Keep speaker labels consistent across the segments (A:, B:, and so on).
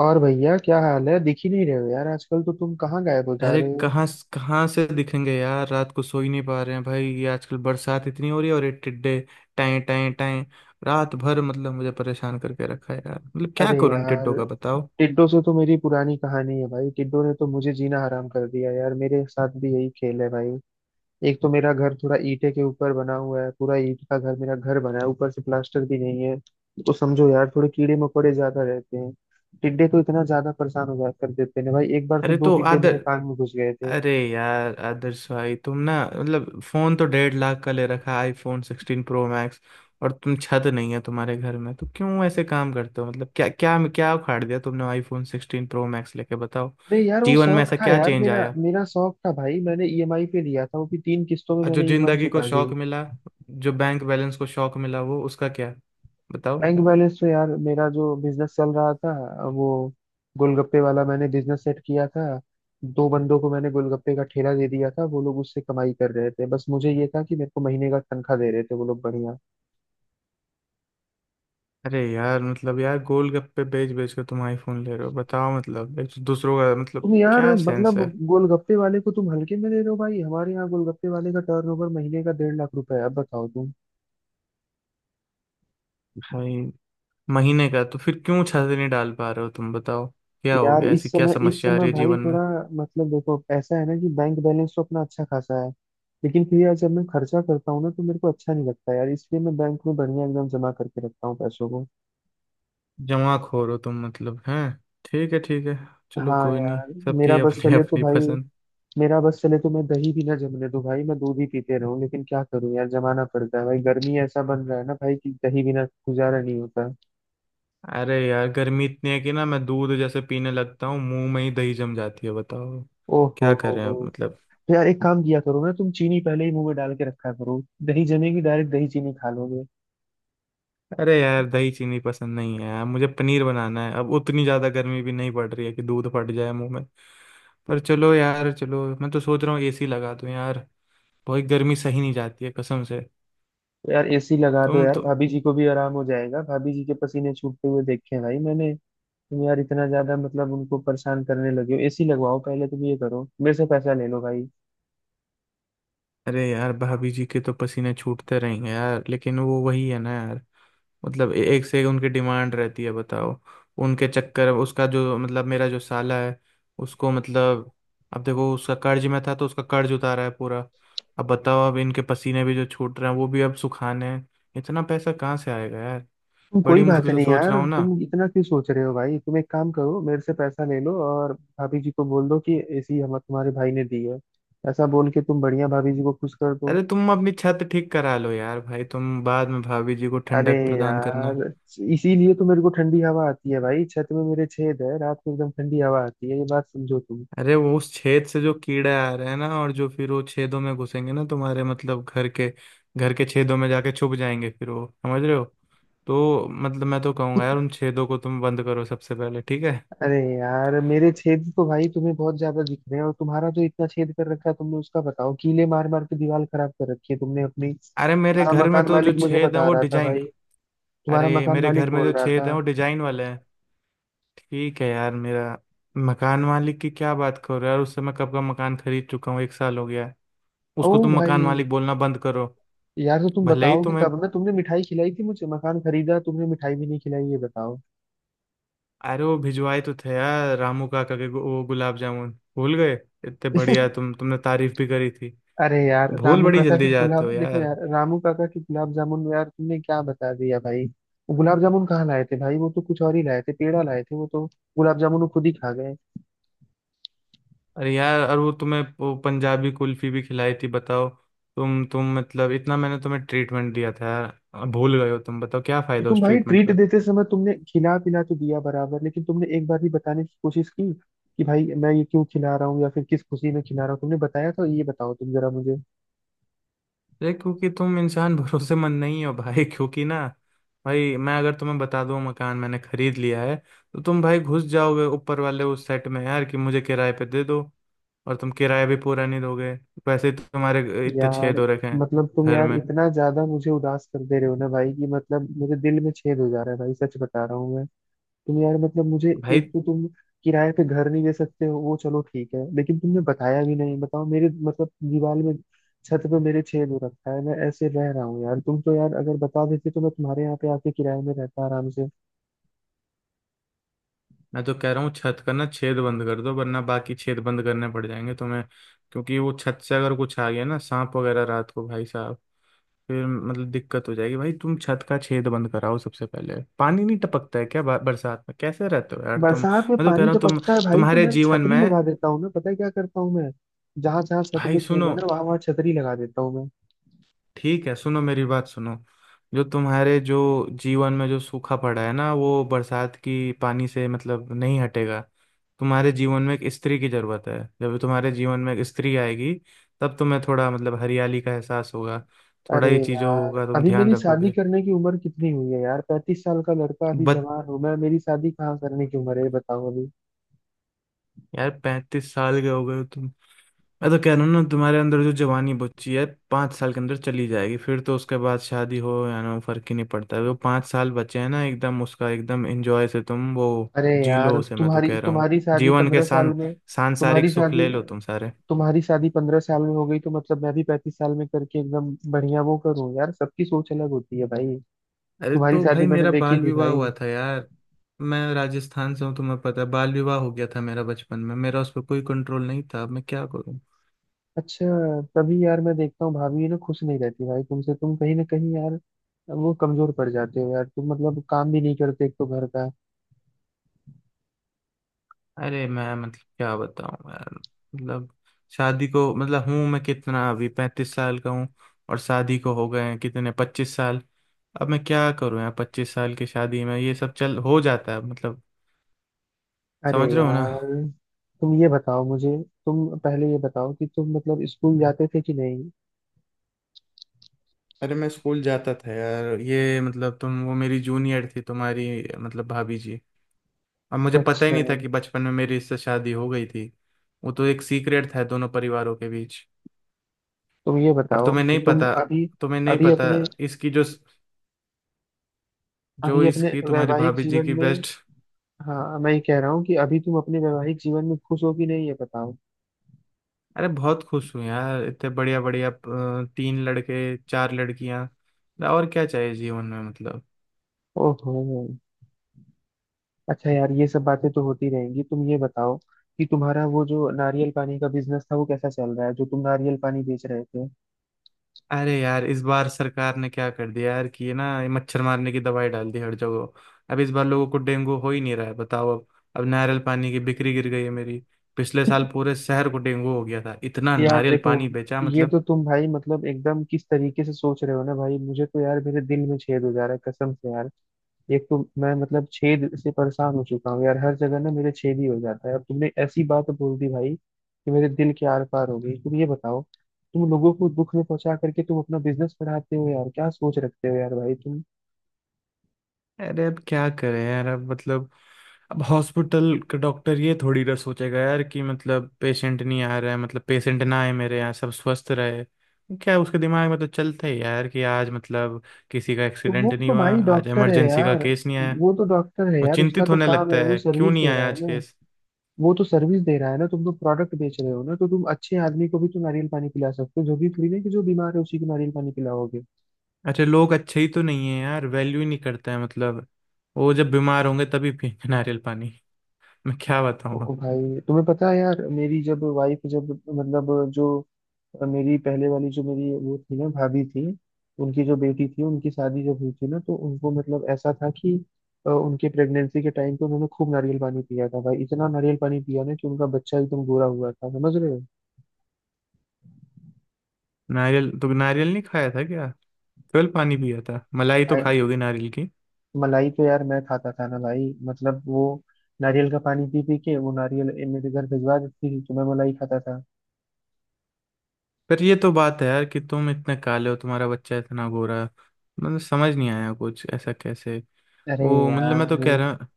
A: और भैया, क्या हाल है? दिख ही नहीं रहे हो यार आजकल। तो तुम कहाँ गायब हो जा
B: अरे
A: रहे हो?
B: कहाँ। कहाँ से दिखेंगे यार, रात को सो ही नहीं पा रहे हैं भाई। ये आजकल बरसात इतनी हो रही है और ये टिड्डे टाएं टाएं टाएं रात भर, मतलब मुझे परेशान करके रखा है यार। मतलब क्या
A: अरे
B: करूं इन
A: यार,
B: टिड्डों का, बताओ।
A: टिड्डो से तो मेरी पुरानी कहानी है भाई। टिड्डो ने तो मुझे जीना हराम कर दिया यार। मेरे साथ भी यही खेल है भाई। एक तो मेरा घर थोड़ा ईंटे के ऊपर बना हुआ है, पूरा ईंट का घर मेरा घर बना है, ऊपर से प्लास्टर भी नहीं है। तो समझो यार, थोड़े कीड़े मकोड़े ज्यादा रहते हैं। टिड्डे तो इतना ज्यादा परेशान हो जा कर देते हैं ना भाई। एक बार तो
B: अरे
A: दो
B: तो
A: टिड्डे मेरे
B: आदर
A: कान में घुस गए थे।
B: अरे यार आदर्श भाई, तुम ना मतलब फोन तो 1,50,000 का ले रखा है, आईफोन 16 प्रो मैक्स। और तुम, छत नहीं है तुम्हारे घर में तो क्यों ऐसे काम करते हो? मतलब क्या क्या क्या उखाड़ दिया तुमने आईफोन 16 प्रो मैक्स लेके, बताओ।
A: अरे यार वो
B: जीवन में
A: शौक
B: ऐसा
A: था
B: क्या
A: यार
B: चेंज
A: मेरा।
B: आया?
A: मेरा शौक था भाई, मैंने ईएमआई पे लिया था वो भी तीन किस्तों में,
B: और जो
A: मैंने ईएमआई
B: जिंदगी को
A: चुका दी।
B: शौक मिला, जो बैंक बैलेंस को शौक मिला, वो उसका क्या, बताओ।
A: बैंक बैलेंस पे यार, मेरा जो बिजनेस चल रहा था वो गोलगप्पे वाला, मैंने बिजनेस सेट किया था। दो बंदों को मैंने गोलगप्पे का ठेला दे दिया था, वो लोग उससे कमाई कर रहे थे। बस मुझे ये था कि मेरे को महीने का तनख्वाह दे रहे थे वो लोग बढ़िया।
B: अरे यार, मतलब यार गोल गप्पे बेच बेच कर तुम आईफोन ले रहे हो, बताओ। मतलब एक तो दूसरों का, मतलब
A: तुम यार
B: क्या सेंस
A: मतलब
B: है।
A: गोलगप्पे वाले को तुम हल्के में ले रहे हो भाई। हमारे यहाँ गोलगप्पे वाले का टर्नओवर महीने का 1.5 लाख रुपए है, अब बताओ तुम।
B: भाई, महीने का तो फिर क्यों छाते नहीं डाल पा रहे हो तुम, बताओ। क्या हो
A: यार
B: गया? ऐसी
A: इस
B: क्या
A: समय इस
B: समस्या आ
A: समय
B: रही है
A: भाई,
B: जीवन में?
A: थोड़ा मतलब देखो ऐसा है ना कि बैंक बैलेंस तो अपना अच्छा खासा है। लेकिन फिर यार जब मैं खर्चा करता हूँ ना तो मेरे को अच्छा नहीं लगता यार, इसलिए मैं बैंक में बढ़िया एकदम जमा करके रखता हूँ पैसों को।
B: जमा खोर हो तुम, मतलब हैं। ठीक है, ठीक है, चलो
A: हाँ
B: कोई नहीं,
A: यार, मेरा
B: सबकी
A: बस
B: अपनी
A: चले तो
B: अपनी
A: भाई,
B: पसंद।
A: मेरा बस चले तो मैं दही भी ना जमने दूं भाई, मैं दूध ही पीते रहूं। लेकिन क्या करूं यार, जमाना पड़ता है भाई, गर्मी ऐसा बन रहा है ना भाई कि दही बिना गुजारा नहीं होता।
B: अरे यार गर्मी इतनी है कि ना, मैं दूध जैसे पीने लगता हूँ मुंह में ही दही जम जाती है, बताओ।
A: ओहो
B: क्या
A: हो
B: करें
A: हो।
B: अब, मतलब।
A: तो यार एक काम किया करो ना, तुम चीनी पहले ही मुंह में डाल के रखा करो, दही जमेगी डायरेक्ट दही चीनी खा लोगे।
B: अरे यार दही चीनी पसंद नहीं है यार मुझे, पनीर बनाना है। अब उतनी ज्यादा गर्मी भी नहीं पड़ रही है कि दूध फट जाए मुंह में। पर चलो यार, चलो मैं तो सोच रहा हूँ एसी लगा दूं यार। बहुत गर्मी सही नहीं जाती है, कसम से।
A: तो यार एसी लगा दो
B: तुम
A: यार,
B: तो।
A: भाभी जी को भी आराम हो जाएगा। भाभी जी के पसीने छूटते हुए देखे हैं भाई मैंने। तुम यार इतना ज्यादा मतलब उनको परेशान करने लगे हो। एसी लगवाओ पहले तुम ये करो, मेरे से पैसा ले लो भाई।
B: अरे यार भाभी जी के तो पसीने छूटते रहेंगे यार, लेकिन वो वही है ना यार। मतलब एक से एक उनकी डिमांड रहती है, बताओ। उनके चक्कर, उसका जो मतलब मेरा जो साला है उसको, मतलब अब देखो उसका कर्ज में था तो उसका कर्ज उतारा है पूरा। अब बताओ, अब इनके पसीने भी जो छूट रहे हैं वो भी अब सुखाने हैं। इतना पैसा कहाँ से आएगा यार।
A: तुम
B: बड़ी
A: कोई बात
B: मुश्किल
A: नहीं
B: से सोच
A: यार,
B: रहा हूँ ना।
A: तुम इतना क्यों सोच रहे हो भाई? तुम एक काम करो, मेरे से पैसा ले लो और भाभी जी को बोल दो कि एसी हम तुम्हारे भाई ने दी है। ऐसा बोल के तुम बढ़िया भाभी जी को खुश कर दो।
B: अरे तुम अपनी छत ठीक करा लो यार भाई, तुम बाद में भाभी जी को
A: अरे
B: ठंडक प्रदान करना।
A: यार, इसीलिए तो मेरे को ठंडी हवा आती है भाई, छत में मेरे छेद है, रात को एकदम ठंडी हवा आती है, ये बात समझो तुम।
B: अरे वो उस छेद से जो कीड़े आ रहे हैं ना और जो फिर वो छेदों में घुसेंगे ना तुम्हारे, मतलब घर के, घर के छेदों में जाके छुप जाएंगे फिर वो, समझ रहे हो। तो मतलब मैं तो कहूंगा यार उन छेदों को तुम बंद करो सबसे पहले, ठीक है।
A: अरे यार, मेरे छेद तो भाई तुम्हें बहुत ज्यादा दिख रहे हैं, और तुम्हारा जो इतना छेद कर रखा है तुमने उसका बताओ, कीले मार मार के दीवार खराब कर रखी है तुमने अपनी।
B: अरे मेरे
A: तुम्हारा
B: घर में
A: मकान
B: तो जो
A: मालिक मुझे
B: छेद है
A: बता
B: वो
A: रहा था
B: डिजाइन।
A: भाई, तुम्हारा
B: अरे
A: मकान
B: मेरे
A: मालिक
B: घर में जो
A: बोल रहा
B: छेद
A: था।
B: है वो डिजाइन वाले हैं। ठीक है यार, मेरा मकान मालिक की क्या बात करो यार, उससे मैं कब का मकान खरीद चुका हूँ, 1 साल हो गया है।
A: ओ
B: उसको तुम मकान
A: भाई
B: मालिक बोलना बंद करो।
A: यार, तो तुम
B: भले ही
A: बताओगे
B: तुम्हें।
A: तब ना, तुमने मिठाई खिलाई थी मुझे? मकान खरीदा, तुमने मिठाई भी नहीं खिलाई, ये बताओ।
B: अरे वो भिजवाए तो थे यार, रामू काका के वो गुलाब जामुन, भूल गए? इतने बढ़िया, तुम तुमने तारीफ भी करी थी।
A: अरे यार
B: भूल
A: रामू
B: बड़ी
A: काका
B: जल्दी
A: के
B: जाते
A: गुलाब
B: हो
A: देखो
B: यार।
A: यार, रामू काका के गुलाब जामुन में यार तुमने क्या बता दिया भाई। वो गुलाब जामुन कहाँ लाए थे भाई, वो तो कुछ और ही लाए थे, पेड़ा लाए थे वो तो। गुलाब जामुन वो खुद ही खा गए।
B: अरे यार, और वो तुम्हें वो पंजाबी कुल्फी भी खिलाई थी, बताओ। तुम मतलब इतना मैंने तुम्हें ट्रीटमेंट दिया था यार, भूल गए हो तुम, बताओ, क्या
A: तो
B: फायदा
A: तुम
B: उस
A: भाई
B: ट्रीटमेंट।
A: ट्रीट देते समय तुमने खिला पिला तो दिया बराबर, लेकिन तुमने एक बार भी बताने की कोशिश की कि भाई मैं ये क्यों खिला रहा हूँ या फिर किस खुशी में खिला रहा हूँ? तुमने बताया? तो ये बताओ तुम जरा मुझे।
B: अरे क्योंकि तुम इंसान भरोसेमंद नहीं हो भाई, क्योंकि ना, भाई मैं अगर तुम्हें बता दूं मकान मैंने खरीद लिया है, तो तुम भाई घुस जाओगे ऊपर वाले उस सेट में यार कि मुझे किराए पे दे दो। और तुम किराया भी पूरा नहीं दोगे। वैसे ही तुम्हारे इतने छेद
A: यार
B: हो रखे हैं।
A: मतलब तुम
B: घर
A: यार
B: में।
A: इतना ज्यादा मुझे उदास कर दे रहे हो ना भाई कि मतलब मेरे दिल में छेद हो जा रहा है भाई, सच बता रहा हूँ मैं। तुम यार मतलब मुझे
B: भाई
A: एक तो तुम किराए पे घर नहीं दे सकते हो, वो चलो ठीक है, लेकिन तुमने बताया भी नहीं, बताओ मेरे मतलब दीवार में, छत पे मेरे छेद हो रखा है, मैं ऐसे रह रहा हूँ यार। तुम तो यार अगर बता देते तो मैं तुम्हारे यहाँ पे आके किराए में रहता आराम से।
B: मैं तो कह रहा हूँ छत का ना छेद बंद कर दो वरना बाकी छेद बंद करने पड़ जाएंगे तुम्हें। क्योंकि वो छत से अगर कुछ आ गया ना, सांप वगैरह रात को भाई साहब, फिर मतलब दिक्कत हो जाएगी भाई। तुम छत का छेद बंद कराओ सबसे पहले। पानी नहीं टपकता है क्या बरसात में? कैसे रहते हो यार तुम?
A: बरसात में
B: मैं तो कह
A: पानी
B: रहा हूँ तुम।
A: टपकता है भाई तो
B: तुम्हारे
A: मैं
B: जीवन
A: छतरी
B: में।
A: लगा देता हूँ ना, पता है क्या करता हूँ मैं? जहाँ जहाँ छत
B: भाई
A: पे छेद
B: सुनो,
A: है ना, वहां वहां छतरी लगा देता हूँ मैं।
B: ठीक है सुनो, मेरी बात सुनो। जो जीवन में जो सूखा पड़ा है ना, वो बरसात की पानी से मतलब नहीं हटेगा। तुम्हारे जीवन में एक स्त्री की जरूरत है। जब तुम्हारे जीवन में एक स्त्री आएगी तब तुम्हें थोड़ा मतलब हरियाली का एहसास होगा। थोड़ा
A: अरे
B: ये चीजों
A: यार,
B: का तुम
A: अभी
B: ध्यान
A: मेरी शादी
B: रखोगे।
A: करने की उम्र कितनी हुई है यार? 35 साल का लड़का, अभी
B: बट
A: जवान हूँ मैं, मेरी शादी कहाँ करने की उम्र है, ये बताओ।
B: यार, 35 साल के हो गए हो तुम। मैं तो कह रहा हूँ ना, तुम्हारे अंदर जो जवानी बची है 5 साल के अंदर चली जाएगी। फिर तो उसके बाद शादी हो या ना हो, फर्क ही नहीं पड़ता है। वो पाँच साल बचे हैं ना, एकदम उसका एकदम एंजॉय से तुम वो
A: अरे
B: जी
A: यार,
B: लो उसे, मैं तो
A: तुम्हारी
B: कह रहा हूँ।
A: तुम्हारी शादी
B: जीवन के
A: 15 साल में,
B: सांसारिक
A: तुम्हारी
B: सुख
A: शादी
B: ले लो तुम सारे।
A: तुम्हारी शादी 15 साल में हो गई तो मतलब मैं भी 35 साल में करके एकदम बढ़िया वो करूँ। यार, सबकी सोच अलग होती है भाई।
B: अरे
A: तुम्हारी
B: तो भाई
A: शादी मैंने
B: मेरा
A: देखी
B: बाल
A: थी
B: विवाह
A: भाई।
B: हुआ था यार, मैं राजस्थान से हूँ, तुम्हें पता है बाल विवाह हो गया था मेरा बचपन में, मेरा उस पर कोई कंट्रोल नहीं था, अब मैं क्या करूँ।
A: अच्छा, तभी यार मैं देखता हूँ भाभी ना खुश नहीं रहती भाई तुमसे, तुम कहीं ना कहीं यार वो कमजोर पड़ जाते हो यार, तुम मतलब काम भी नहीं करते एक तो घर का।
B: अरे मैं, मतलब क्या बताऊं यार, मतलब, शादी को मतलब हूं मैं कितना, अभी 35 साल का हूँ, और शादी को हो गए हैं कितने, 25 साल। अब मैं क्या करूं यार, 25 साल की शादी में ये सब चल हो जाता है, मतलब
A: अरे
B: समझ रहे हो ना।
A: यार, तुम ये बताओ मुझे, तुम पहले ये बताओ कि तुम मतलब स्कूल जाते थे कि नहीं?
B: अरे मैं स्कूल जाता था यार, ये मतलब तुम वो मेरी जूनियर थी तुम्हारी, मतलब भाभी जी। अब मुझे पता ही
A: अच्छा।
B: नहीं था कि बचपन में मेरी इससे शादी हो गई थी। वो तो एक सीक्रेट था दोनों परिवारों के बीच।
A: तुम ये
B: और
A: बताओ
B: तुम्हें
A: कि
B: नहीं
A: तुम
B: पता,
A: अभी,
B: तुम्हें नहीं
A: अभी
B: पता
A: अपने
B: इसकी जो जो
A: अभी अपने
B: इसकी तुम्हारी
A: वैवाहिक
B: भाभी जी
A: जीवन
B: की
A: में,
B: बेस्ट।
A: हाँ मैं ये कह रहा हूँ कि अभी तुम अपने वैवाहिक जीवन में खुश हो कि नहीं, ये बताओ।
B: अरे बहुत खुश हूँ यार, इतने बढ़िया बढ़िया, तीन लड़के चार लड़कियां, और क्या चाहिए जीवन में, मतलब।
A: ओहो, अच्छा यार, ये सब बातें तो होती रहेंगी। तुम ये बताओ कि तुम्हारा वो जो नारियल पानी का बिजनेस था वो कैसा चल रहा है, जो तुम नारियल पानी बेच रहे थे।
B: अरे यार इस बार सरकार ने क्या कर दिया यार कि ये ना, ये मच्छर मारने की दवाई डाल दी हर जगह। अब इस बार लोगों को डेंगू हो ही नहीं रहा है, बताओ अब। अब नारियल पानी की बिक्री गिर गई है मेरी। पिछले साल पूरे शहर को डेंगू हो गया था, इतना
A: यार
B: नारियल
A: देखो,
B: पानी बेचा,
A: ये तो
B: मतलब।
A: तुम भाई मतलब एकदम किस तरीके से सोच रहे हो ना भाई, मुझे तो यार मेरे दिल में छेद हो जा रहा है कसम से यार। एक तो मैं मतलब छेद से परेशान हो चुका हूँ यार, हर जगह ना मेरे छेद ही हो जाता है, अब तुमने ऐसी बात बोल दी भाई कि मेरे दिल के आर पार हो गई। तुम ये बताओ, तुम लोगों को दुख में पहुंचा करके तुम अपना बिजनेस बढ़ाते हो यार, क्या सोच रखते हो यार भाई तुम?
B: अरे अब क्या करें यार, अब मतलब अब हॉस्पिटल का डॉक्टर ये थोड़ी ना सोचेगा यार कि मतलब पेशेंट नहीं आ रहा है, मतलब पेशेंट ना आए मेरे यहाँ, सब स्वस्थ रहे। क्या उसके दिमाग में तो चलता ही यार कि आज मतलब किसी का
A: तो वो
B: एक्सीडेंट नहीं
A: तो
B: हुआ,
A: भाई
B: आज
A: डॉक्टर है
B: इमरजेंसी का
A: यार,
B: केस नहीं आया।
A: वो तो डॉक्टर है
B: वो
A: यार, उसका
B: चिंतित
A: तो
B: होने
A: काम
B: लगता
A: है, वो
B: है, क्यों
A: सर्विस
B: नहीं
A: दे रहा
B: आया
A: है
B: आज
A: ना।
B: केस।
A: वो तो सर्विस दे रहा है ना, तुम तो प्रोडक्ट बेच रहे हो ना, तो तुम अच्छे आदमी को भी तो नारियल पानी पिला सकते हो, जरूरी थोड़ी ना कि जो बीमार है उसी को नारियल पानी पिलाओगे।
B: अच्छा लोग अच्छे ही तो नहीं है यार, वैल्यू ही नहीं करते हैं, मतलब। वो जब बीमार होंगे तभी पियेंगे नारियल पानी। मैं क्या बताऊँ।
A: ओ भाई तुम्हें पता है यार, मेरी जब वाइफ जब मतलब जो मेरी पहले वाली जो मेरी वो थी ना भाभी थी, उनकी जो बेटी थी, उनकी शादी जब हुई थी ना, तो उनको मतलब ऐसा था कि उनके प्रेगनेंसी के टाइम पे उन्होंने खूब नारियल पानी पिया था भाई, इतना नारियल पानी पिया ना कि उनका बच्चा एकदम गोरा हुआ था, समझ रहे हो।
B: नारियल तो नारियल नहीं खाया था क्या? 12 पानी पिया था, मलाई तो
A: भाई,
B: खाई होगी नारियल की।
A: मलाई तो यार मैं खाता था ना भाई, मतलब वो नारियल का पानी पी पी के वो नारियल मेरे घर भिजवा देती थी तो मैं मलाई खाता था।
B: पर ये तो बात है यार कि तुम इतने काले हो तुम्हारा बच्चा इतना गोरा है। मतलब समझ नहीं आया, कुछ ऐसा कैसे।
A: अरे
B: वो मतलब मैं तो
A: यार,
B: कह रहा हूँ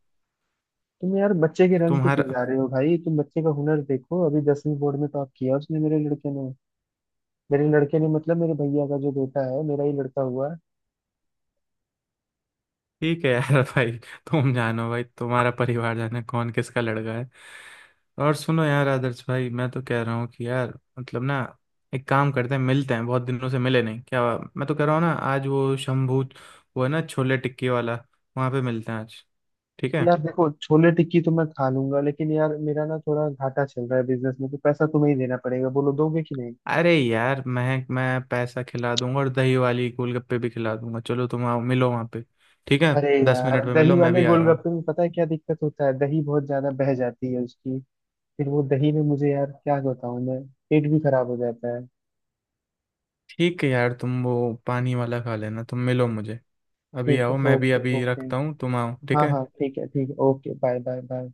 A: तुम यार बच्चे के रंग पे क्यों
B: तुम्हारा।
A: जा रहे हो भाई? तुम बच्चे का हुनर देखो, अभी 10वीं बोर्ड में टॉप किया उसने, मेरे लड़के ने। मेरे लड़के ने मतलब मेरे भैया का जो बेटा है, मेरा ही लड़का हुआ है।
B: ठीक है यार भाई, तुम जानो भाई तुम्हारा परिवार जाने कौन किसका लड़का है। और सुनो यार आदर्श भाई, मैं तो कह रहा हूँ कि यार मतलब ना, एक काम करते हैं, मिलते हैं बहुत दिनों से मिले नहीं क्या। मैं तो कह रहा हूँ ना, आज वो शंभू, वो है ना छोले टिक्की वाला, वहां पे मिलते हैं आज, ठीक है।
A: यार देखो, छोले टिक्की तो मैं खा लूंगा, लेकिन यार मेरा ना थोड़ा घाटा चल रहा है बिजनेस में, तो पैसा तुम्हें ही देना पड़ेगा, बोलो दोगे कि नहीं?
B: अरे यार मैं पैसा खिला दूंगा और दही वाली गोलगप्पे भी खिला दूंगा, चलो तुम आओ मिलो वहां पे, ठीक है।
A: अरे
B: दस
A: यार,
B: मिनट में मिलो,
A: दही
B: मैं
A: वाले
B: भी आ रहा हूँ।
A: गोलगप्पे में पता है क्या दिक्कत होता है, दही बहुत ज्यादा बह जाती है उसकी, फिर वो दही में मुझे यार क्या बताऊं मैं, पेट भी खराब हो जाता है।
B: ठीक है यार तुम वो पानी वाला खा लेना, तुम मिलो मुझे, अभी
A: ठीक है,
B: आओ, मैं भी
A: ओके
B: अभी
A: ओके।
B: रखता हूँ, तुम आओ, ठीक
A: हाँ हाँ,
B: है।
A: ठीक है ठीक है, ओके, बाय बाय बाय।